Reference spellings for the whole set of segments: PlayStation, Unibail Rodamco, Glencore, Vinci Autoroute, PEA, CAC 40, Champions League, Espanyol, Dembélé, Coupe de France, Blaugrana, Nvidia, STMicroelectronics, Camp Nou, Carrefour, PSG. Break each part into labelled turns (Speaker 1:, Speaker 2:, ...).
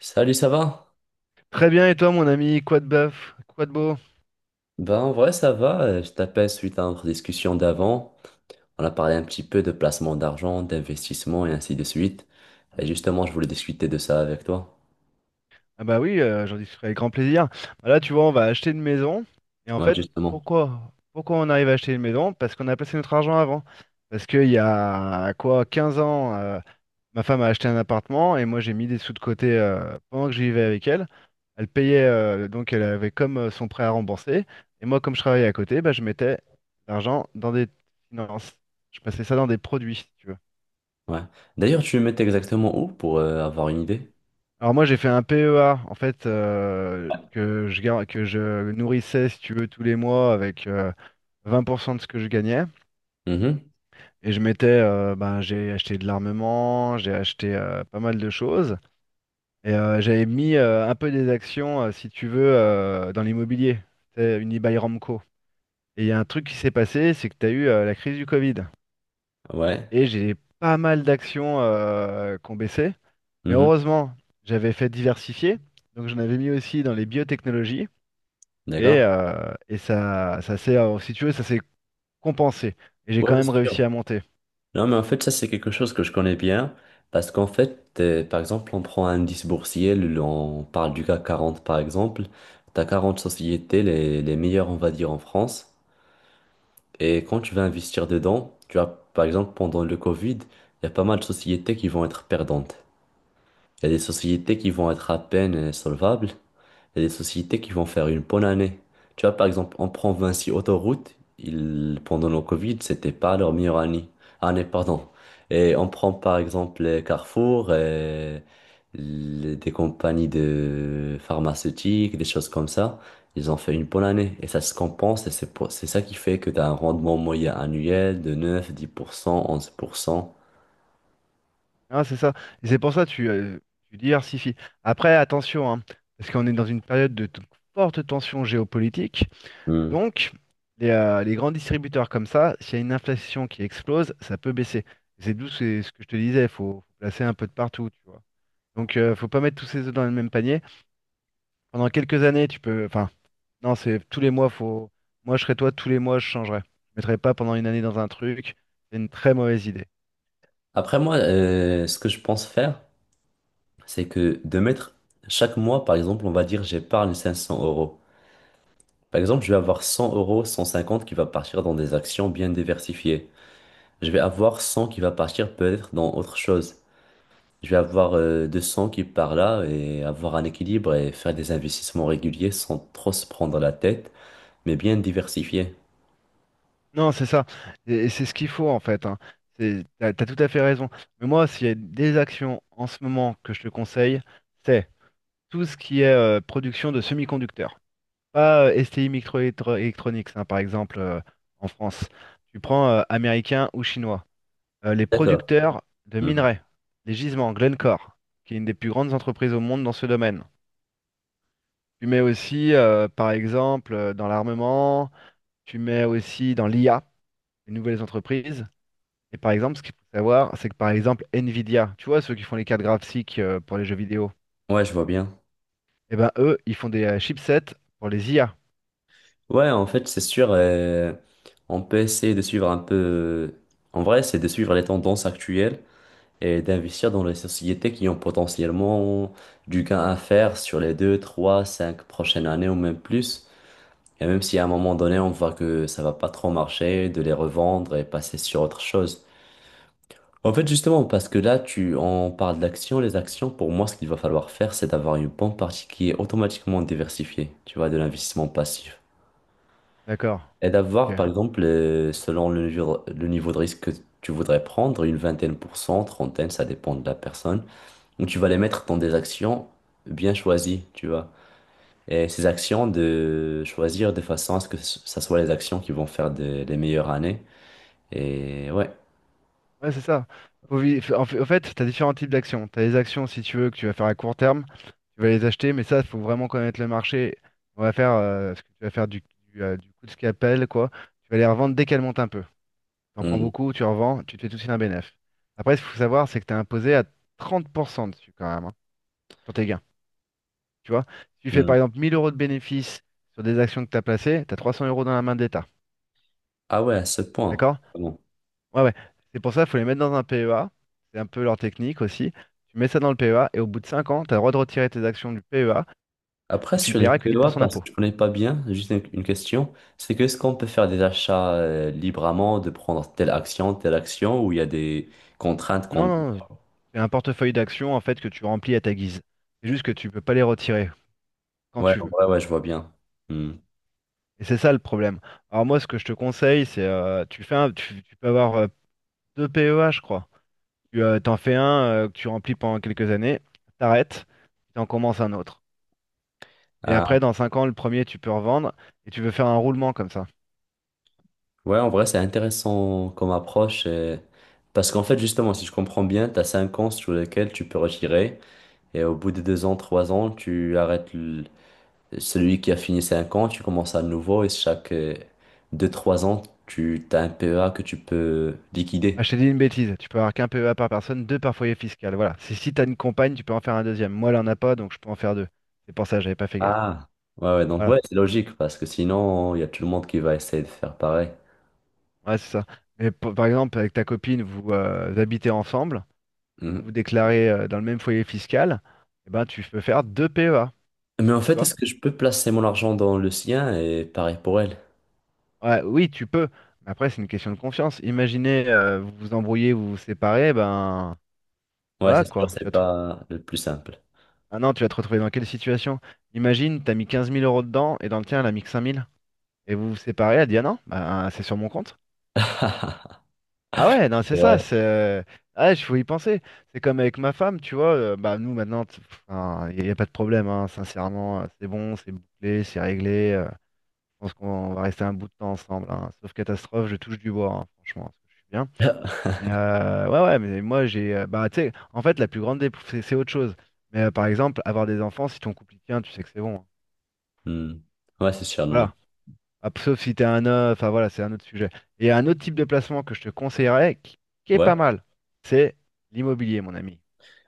Speaker 1: Salut, ça va?
Speaker 2: Très bien, et toi, mon ami, quoi de bœuf, quoi de beau?
Speaker 1: Ben, en vrai, ça va. Je t'appelle suite à notre discussion d'avant. On a parlé un petit peu de placement d'argent, d'investissement et ainsi de suite. Et justement, je voulais discuter de ça avec toi.
Speaker 2: Ah bah oui, j'en discuterai avec grand plaisir. Bah là, tu vois, on va acheter une maison. Et en
Speaker 1: Ouais,
Speaker 2: fait,
Speaker 1: justement.
Speaker 2: pourquoi? Pourquoi on arrive à acheter une maison? Parce qu'on a placé notre argent avant. Parce qu'il y a quoi, 15 ans, ma femme a acheté un appartement et moi j'ai mis des sous de côté pendant que je vivais avec elle. Elle payait, donc elle avait comme son prêt à rembourser. Et moi, comme je travaillais à côté, bah, je mettais l'argent dans des finances. Je passais ça dans des produits, si tu veux.
Speaker 1: Ouais. D'ailleurs, tu me mets exactement où pour avoir une idée?
Speaker 2: Alors moi j'ai fait un PEA en fait que je nourrissais si tu veux tous les mois avec 20% de ce que je gagnais
Speaker 1: Mhm.
Speaker 2: et je mettais ben, j'ai acheté de l'armement, j'ai acheté pas mal de choses et j'avais mis un peu des actions si tu veux dans l'immobilier, c'est Unibail Ramco. Et il y a un truc qui s'est passé, c'est que tu as eu la crise du Covid
Speaker 1: Ouais.
Speaker 2: et j'ai pas mal d'actions qui ont baissé, mais
Speaker 1: Mhm.
Speaker 2: heureusement, j'avais fait diversifier, donc j'en avais mis aussi dans les biotechnologies. Et,
Speaker 1: D'accord.
Speaker 2: euh, et ça, ça s'est, si tu veux, ça s'est compensé. Et j'ai
Speaker 1: Ouais,
Speaker 2: quand même
Speaker 1: c'est
Speaker 2: réussi
Speaker 1: sûr.
Speaker 2: à monter.
Speaker 1: Non, mais en fait, ça, c'est quelque chose que je connais bien. Parce qu'en fait, par exemple, on prend un indice boursier, on parle du CAC 40, par exemple. T'as 40 sociétés, les meilleures, on va dire, en France. Et quand tu vas investir dedans, tu as, par exemple, pendant le Covid, il y a pas mal de sociétés qui vont être perdantes. Il y a des sociétés qui vont être à peine solvables. Il y a des sociétés qui vont faire une bonne année. Tu vois, par exemple, on prend Vinci Autoroute. Ils, pendant le Covid, c'était pas leur meilleure année. Année, pardon. Et on prend par exemple les Carrefour, et des compagnies de pharmaceutiques, des choses comme ça. Ils ont fait une bonne année et ça se compense et c'est ça qui fait que tu as un rendement moyen annuel de 9, 10%, 11%.
Speaker 2: Hein, c'est ça. Et c'est pour ça que tu diversifies. Après, attention, hein, parce qu'on est dans une période de forte tension géopolitique.
Speaker 1: Hmm.
Speaker 2: Donc, les grands distributeurs comme ça, s'il y a une inflation qui explose, ça peut baisser. C'est d'où c'est ce que je te disais, il faut placer un peu de partout, tu vois. Donc, faut pas mettre tous ses œufs dans le même panier. Pendant quelques années, tu peux, enfin, non, c'est tous les mois, faut. Moi, je serais toi, tous les mois, je changerais. Je mettrais pas pendant une année dans un truc. C'est une très mauvaise idée.
Speaker 1: Après moi, ce que je pense faire, c'est que de mettre chaque mois, par exemple, on va dire j'épargne 500 euros. Par exemple, je vais avoir 100 euros, 150 qui va partir dans des actions bien diversifiées. Je vais avoir 100 qui va partir peut-être dans autre chose. Je vais avoir 200 qui part là et avoir un équilibre et faire des investissements réguliers sans trop se prendre la tête, mais bien diversifiés.
Speaker 2: Non, c'est ça. Et c'est ce qu'il faut, en fait. Hein. T'as tout à fait raison. Mais moi, s'il y a des actions en ce moment que je te conseille, c'est tout ce qui est production de semi-conducteurs. Pas STI Microelectronics, hein, par exemple, en France. Tu prends américain ou chinois. Les
Speaker 1: D'accord.
Speaker 2: producteurs de
Speaker 1: Mhm.
Speaker 2: minerais, les gisements, Glencore, qui est une des plus grandes entreprises au monde dans ce domaine. Tu mets aussi, par exemple, dans l'armement, tu mets aussi dans l'IA, les nouvelles entreprises. Et par exemple, ce qu'il faut savoir, c'est que par exemple, Nvidia, tu vois, ceux qui font les cartes graphiques pour les jeux vidéo,
Speaker 1: Ouais, je vois bien.
Speaker 2: eh ben eux, ils font des chipsets pour les IA.
Speaker 1: Ouais, en fait, c'est sûr, on peut essayer de suivre un peu. En vrai, c'est de suivre les tendances actuelles et d'investir dans les sociétés qui ont potentiellement du gain à faire sur les deux, trois, cinq prochaines années ou même plus. Et même si à un moment donné, on voit que ça va pas trop marcher, de les revendre et passer sur autre chose. En fait, justement, parce que là, on parle d'actions. Les actions, pour moi, ce qu'il va falloir faire, c'est d'avoir une bonne partie qui est automatiquement diversifiée, tu vois, de l'investissement passif.
Speaker 2: D'accord.
Speaker 1: Et d'avoir,
Speaker 2: Ok.
Speaker 1: par exemple, selon le niveau de risque que tu voudrais prendre, une vingtaine pour cent, trentaine, ça dépend de la personne. Donc tu vas les mettre dans des actions bien choisies, tu vois. Et ces actions, de choisir de façon à ce que ça soit les actions qui vont faire des les meilleures années. Et ouais.
Speaker 2: Ouais, c'est ça. En fait, t'as différents types d'actions. T'as les actions, si tu veux, que tu vas faire à court terme, tu vas les acheter, mais ça, il faut vraiment connaître le marché. On va faire, ce que tu vas faire du coup de scalpel, quoi. Tu vas les revendre dès qu'elles montent un peu. T'en prends
Speaker 1: Mm,
Speaker 2: beaucoup, tu revends, tu te fais tout de suite un bénéf. Après, ce qu'il faut savoir, c'est que tu es imposé à 30% dessus quand même, hein, sur tes gains. Tu vois, si tu fais
Speaker 1: mm.
Speaker 2: par exemple 1000 euros de bénéfices sur des actions que tu as placées, tu as 300 euros dans la main de l'État.
Speaker 1: Ah ouais, à ce point.
Speaker 2: D'accord?
Speaker 1: Bon.
Speaker 2: Ouais, ouais. C'est pour ça qu'il faut les mettre dans un PEA. C'est un peu leur technique aussi. Tu mets ça dans le PEA et au bout de 5 ans, tu as le droit de retirer tes actions du PEA
Speaker 1: Après,
Speaker 2: et tu ne
Speaker 1: sur les
Speaker 2: payeras que
Speaker 1: PEA,
Speaker 2: 10%
Speaker 1: parce que
Speaker 2: d'impôt.
Speaker 1: je connais pas bien, juste une question, c'est que est-ce qu'on peut faire des achats librement, de prendre telle action, ou il y a des contraintes
Speaker 2: Non,
Speaker 1: qu'on...
Speaker 2: non, c'est un portefeuille d'actions en fait que tu remplis à ta guise. C'est juste que tu peux pas les retirer quand
Speaker 1: Ouais,
Speaker 2: tu veux.
Speaker 1: ouais, ouais, je vois bien. Mm.
Speaker 2: Et c'est ça le problème. Alors moi, ce que je te conseille, c'est tu fais un, tu peux avoir deux PEA, je crois. Tu t'en fais un que tu remplis pendant quelques années, t'arrêtes, tu en commences un autre. Et
Speaker 1: Ah,
Speaker 2: après, dans 5 ans, le premier, tu peux revendre et tu veux faire un roulement comme ça.
Speaker 1: ouais, en vrai, c'est intéressant comme approche. Parce qu'en fait, justement, si je comprends bien, tu as 5 ans sur lesquels tu peux retirer. Et au bout de 2 ans, 3 ans, tu arrêtes celui qui a fini 5 ans, tu commences à nouveau. Et chaque deux, trois ans, tu as un PEA que tu peux
Speaker 2: Ah,
Speaker 1: liquider.
Speaker 2: je t'ai dit une bêtise. Tu peux avoir qu'un PEA par personne, deux par foyer fiscal. Voilà. Si t'as une compagne, tu peux en faire un deuxième. Moi, elle en a pas, donc je peux en faire deux. C'est pour ça, j'avais pas fait gaffe.
Speaker 1: Ah. Ouais, ouais, donc ouais,
Speaker 2: Voilà.
Speaker 1: c'est logique. Parce que sinon, il y a tout le monde qui va essayer de faire pareil.
Speaker 2: Ouais, c'est ça. Mais par exemple, avec ta copine, vous habitez ensemble. Vous
Speaker 1: Mhm.
Speaker 2: vous déclarez dans le même foyer fiscal, eh ben, tu peux faire deux PEA.
Speaker 1: Mais en
Speaker 2: Tu
Speaker 1: fait,
Speaker 2: vois?
Speaker 1: est-ce que je peux placer mon argent dans le sien et pareil pour elle?
Speaker 2: Ouais, oui, tu peux. Mais après, c'est une question de confiance. Imaginez, vous vous embrouillez, vous vous séparez, ben
Speaker 1: Ouais,
Speaker 2: voilà
Speaker 1: c'est sûr,
Speaker 2: quoi. Tu
Speaker 1: c'est
Speaker 2: vas te...
Speaker 1: pas le plus simple.
Speaker 2: Ah non, tu vas te retrouver dans quelle situation? Imagine, tu as mis 15 000 euros dedans et dans le tien, elle a mis que 5 000. Et vous vous séparez, elle dit ah non, ben, c'est sur mon compte. Ah ouais, non, c'est
Speaker 1: C'est
Speaker 2: ça.
Speaker 1: vrai.
Speaker 2: Ah, ouais, il faut y penser. C'est comme avec ma femme, tu vois. Bah, nous, maintenant, il y a pas de problème, hein, sincèrement. C'est bon, c'est bouclé, c'est réglé. Je pense qu'on va rester un bout de temps ensemble, hein. Sauf catastrophe, je touche du bois, hein, franchement, parce que je suis bien. Mais ouais, ouais, mais moi, j'ai. Bah, tu sais, en fait, la plus grande dépre- c'est autre chose. Mais par exemple, avoir des enfants, si ton couple y tient, tu sais que c'est bon, hein.
Speaker 1: Hmm. Ouais, c'est sûr, non, non.
Speaker 2: Voilà. Ah, sauf si t'es un homme, enfin voilà, c'est un autre sujet. Et il y a un autre type de placement que je te conseillerais, qui est
Speaker 1: Ouais.
Speaker 2: pas mal, c'est l'immobilier, mon ami.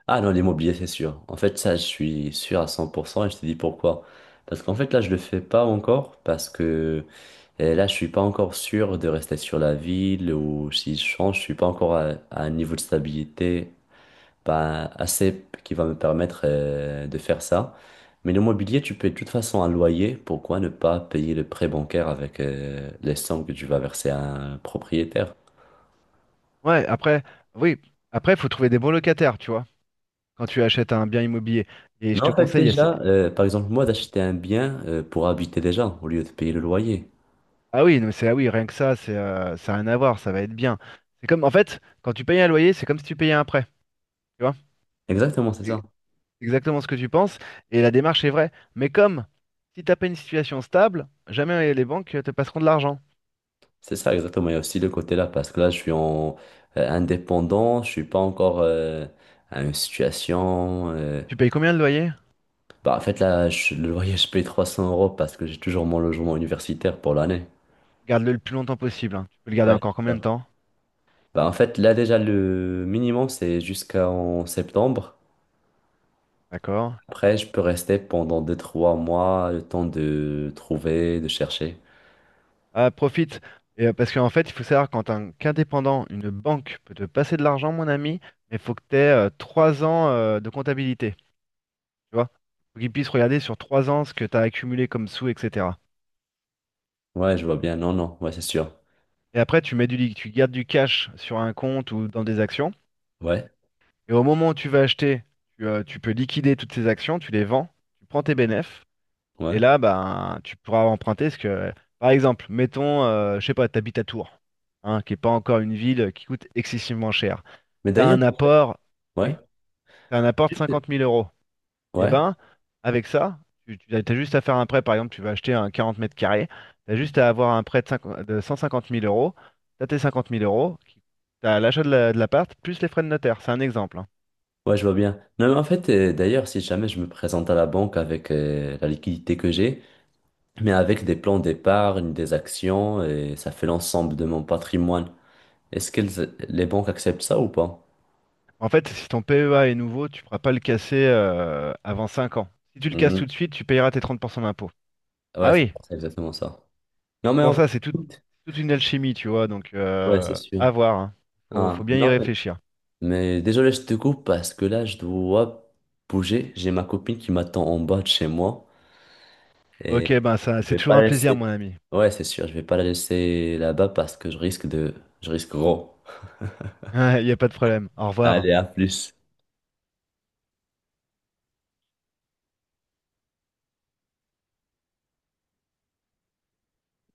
Speaker 1: Ah non, l'immobilier, c'est sûr. En fait, ça, je suis sûr à 100% et je te dis pourquoi. Parce qu'en fait, là, je le fais pas encore parce que là, je suis pas encore sûr de rester sur la ville ou si je change, je suis pas encore à un niveau de stabilité pas assez qui va me permettre de faire ça. Mais l'immobilier, tu payes de toute façon un loyer. Pourquoi ne pas payer le prêt bancaire avec les sommes que tu vas verser à un propriétaire?
Speaker 2: Ouais, après, oui, après, faut trouver des bons locataires, tu vois, quand tu achètes un bien immobilier. Et je
Speaker 1: Non,
Speaker 2: te
Speaker 1: en fait,
Speaker 2: conseille,
Speaker 1: déjà, par exemple, moi, d'acheter un bien pour habiter déjà au lieu de payer le loyer.
Speaker 2: ah oui, non, mais c'est ah oui, rien que ça, c'est ça a rien à voir, ça va être bien. C'est comme en fait, quand tu payes un loyer, c'est comme si tu payais un prêt, tu vois?
Speaker 1: Exactement, c'est
Speaker 2: C'est
Speaker 1: ça.
Speaker 2: exactement ce que tu penses et la démarche est vraie. Mais comme si t'as pas une situation stable, jamais les banques te passeront de l'argent.
Speaker 1: C'est ça, exactement. Il y a aussi le côté-là, parce que là, je suis en indépendant, je suis pas encore à une situation.
Speaker 2: Tu payes combien de loyer?
Speaker 1: Bah, en fait, là, je- je paye 300 euros parce que j'ai toujours mon logement universitaire pour l'année.
Speaker 2: Garde-le le plus longtemps possible, hein. Tu peux le garder
Speaker 1: Ouais,
Speaker 2: encore
Speaker 1: c'est
Speaker 2: combien de
Speaker 1: sûr.
Speaker 2: temps?
Speaker 1: Bah, en fait, là, déjà, le minimum, c'est jusqu'en septembre.
Speaker 2: D'accord.
Speaker 1: Après, je peux rester pendant deux trois mois, le temps de trouver, de chercher.
Speaker 2: Ah, profite. Parce qu'en fait, il faut savoir quand un qu'indépendant, une banque peut te passer de l'argent, mon ami, mais il faut que tu aies 3 ans de comptabilité, tu vois. Faut qu'ils puissent regarder sur 3 ans ce que tu as accumulé comme sous, etc.
Speaker 1: Ouais, je vois bien. Non, non, ouais, c'est sûr.
Speaker 2: Et après, tu mets tu gardes du cash sur un compte ou dans des actions.
Speaker 1: Ouais,
Speaker 2: Et au moment où tu vas acheter, tu peux liquider toutes ces actions, tu les vends, tu prends tes bénéfices. Et
Speaker 1: ouais.
Speaker 2: là, ben, tu pourras emprunter ce que, par exemple, mettons, je sais pas, t'habites à Tours, hein, qui est pas encore une ville qui coûte excessivement cher.
Speaker 1: Mais
Speaker 2: T'as
Speaker 1: d'ailleurs,
Speaker 2: un apport,
Speaker 1: ouais,
Speaker 2: oui, t'as un apport de
Speaker 1: juste-
Speaker 2: 50 000 euros. Et
Speaker 1: ouais,
Speaker 2: ben, avec ça, tu as juste à faire un prêt, par exemple, tu vas acheter un 40 mètres carrés, tu as juste à avoir un prêt de, 50 de 150 000 euros, tu as tes 50 000 euros, tu as l'achat de de l'appart, plus les frais de notaire, c'est un exemple, hein.
Speaker 1: ouais, je vois bien. Non, mais en fait, d'ailleurs, si jamais je me présente à la banque avec la liquidité que j'ai, mais avec des plans d'épargne, des actions, et ça fait l'ensemble de mon patrimoine, est-ce que les banques acceptent ça ou pas?
Speaker 2: En fait, si ton PEA est nouveau, tu ne pourras pas le casser avant 5 ans. Si tu le casses
Speaker 1: Mhm.
Speaker 2: tout de suite, tu payeras tes 30% d'impôt.
Speaker 1: Ouais,
Speaker 2: Ah
Speaker 1: c'est ça,
Speaker 2: oui,
Speaker 1: c'est exactement ça. Non,
Speaker 2: c'est
Speaker 1: mais en
Speaker 2: pour
Speaker 1: vrai,
Speaker 2: ça, c'est
Speaker 1: écoute,
Speaker 2: toute une alchimie, tu vois, donc
Speaker 1: ouais, c'est sûr.
Speaker 2: à voir, hein. Faut
Speaker 1: Ah,
Speaker 2: bien y
Speaker 1: non,
Speaker 2: réfléchir.
Speaker 1: mais désolé, je te coupe parce que là, je dois bouger. J'ai ma copine qui m'attend en bas de chez moi.
Speaker 2: Ok,
Speaker 1: Et
Speaker 2: ben ça,
Speaker 1: je
Speaker 2: c'est
Speaker 1: vais pas
Speaker 2: toujours un
Speaker 1: la
Speaker 2: plaisir,
Speaker 1: laisser.
Speaker 2: mon ami.
Speaker 1: Ouais, c'est sûr, je vais pas la laisser là-bas parce que je risque de. Je risque gros.
Speaker 2: Il n'y a pas de problème. Au revoir.
Speaker 1: Allez, à plus.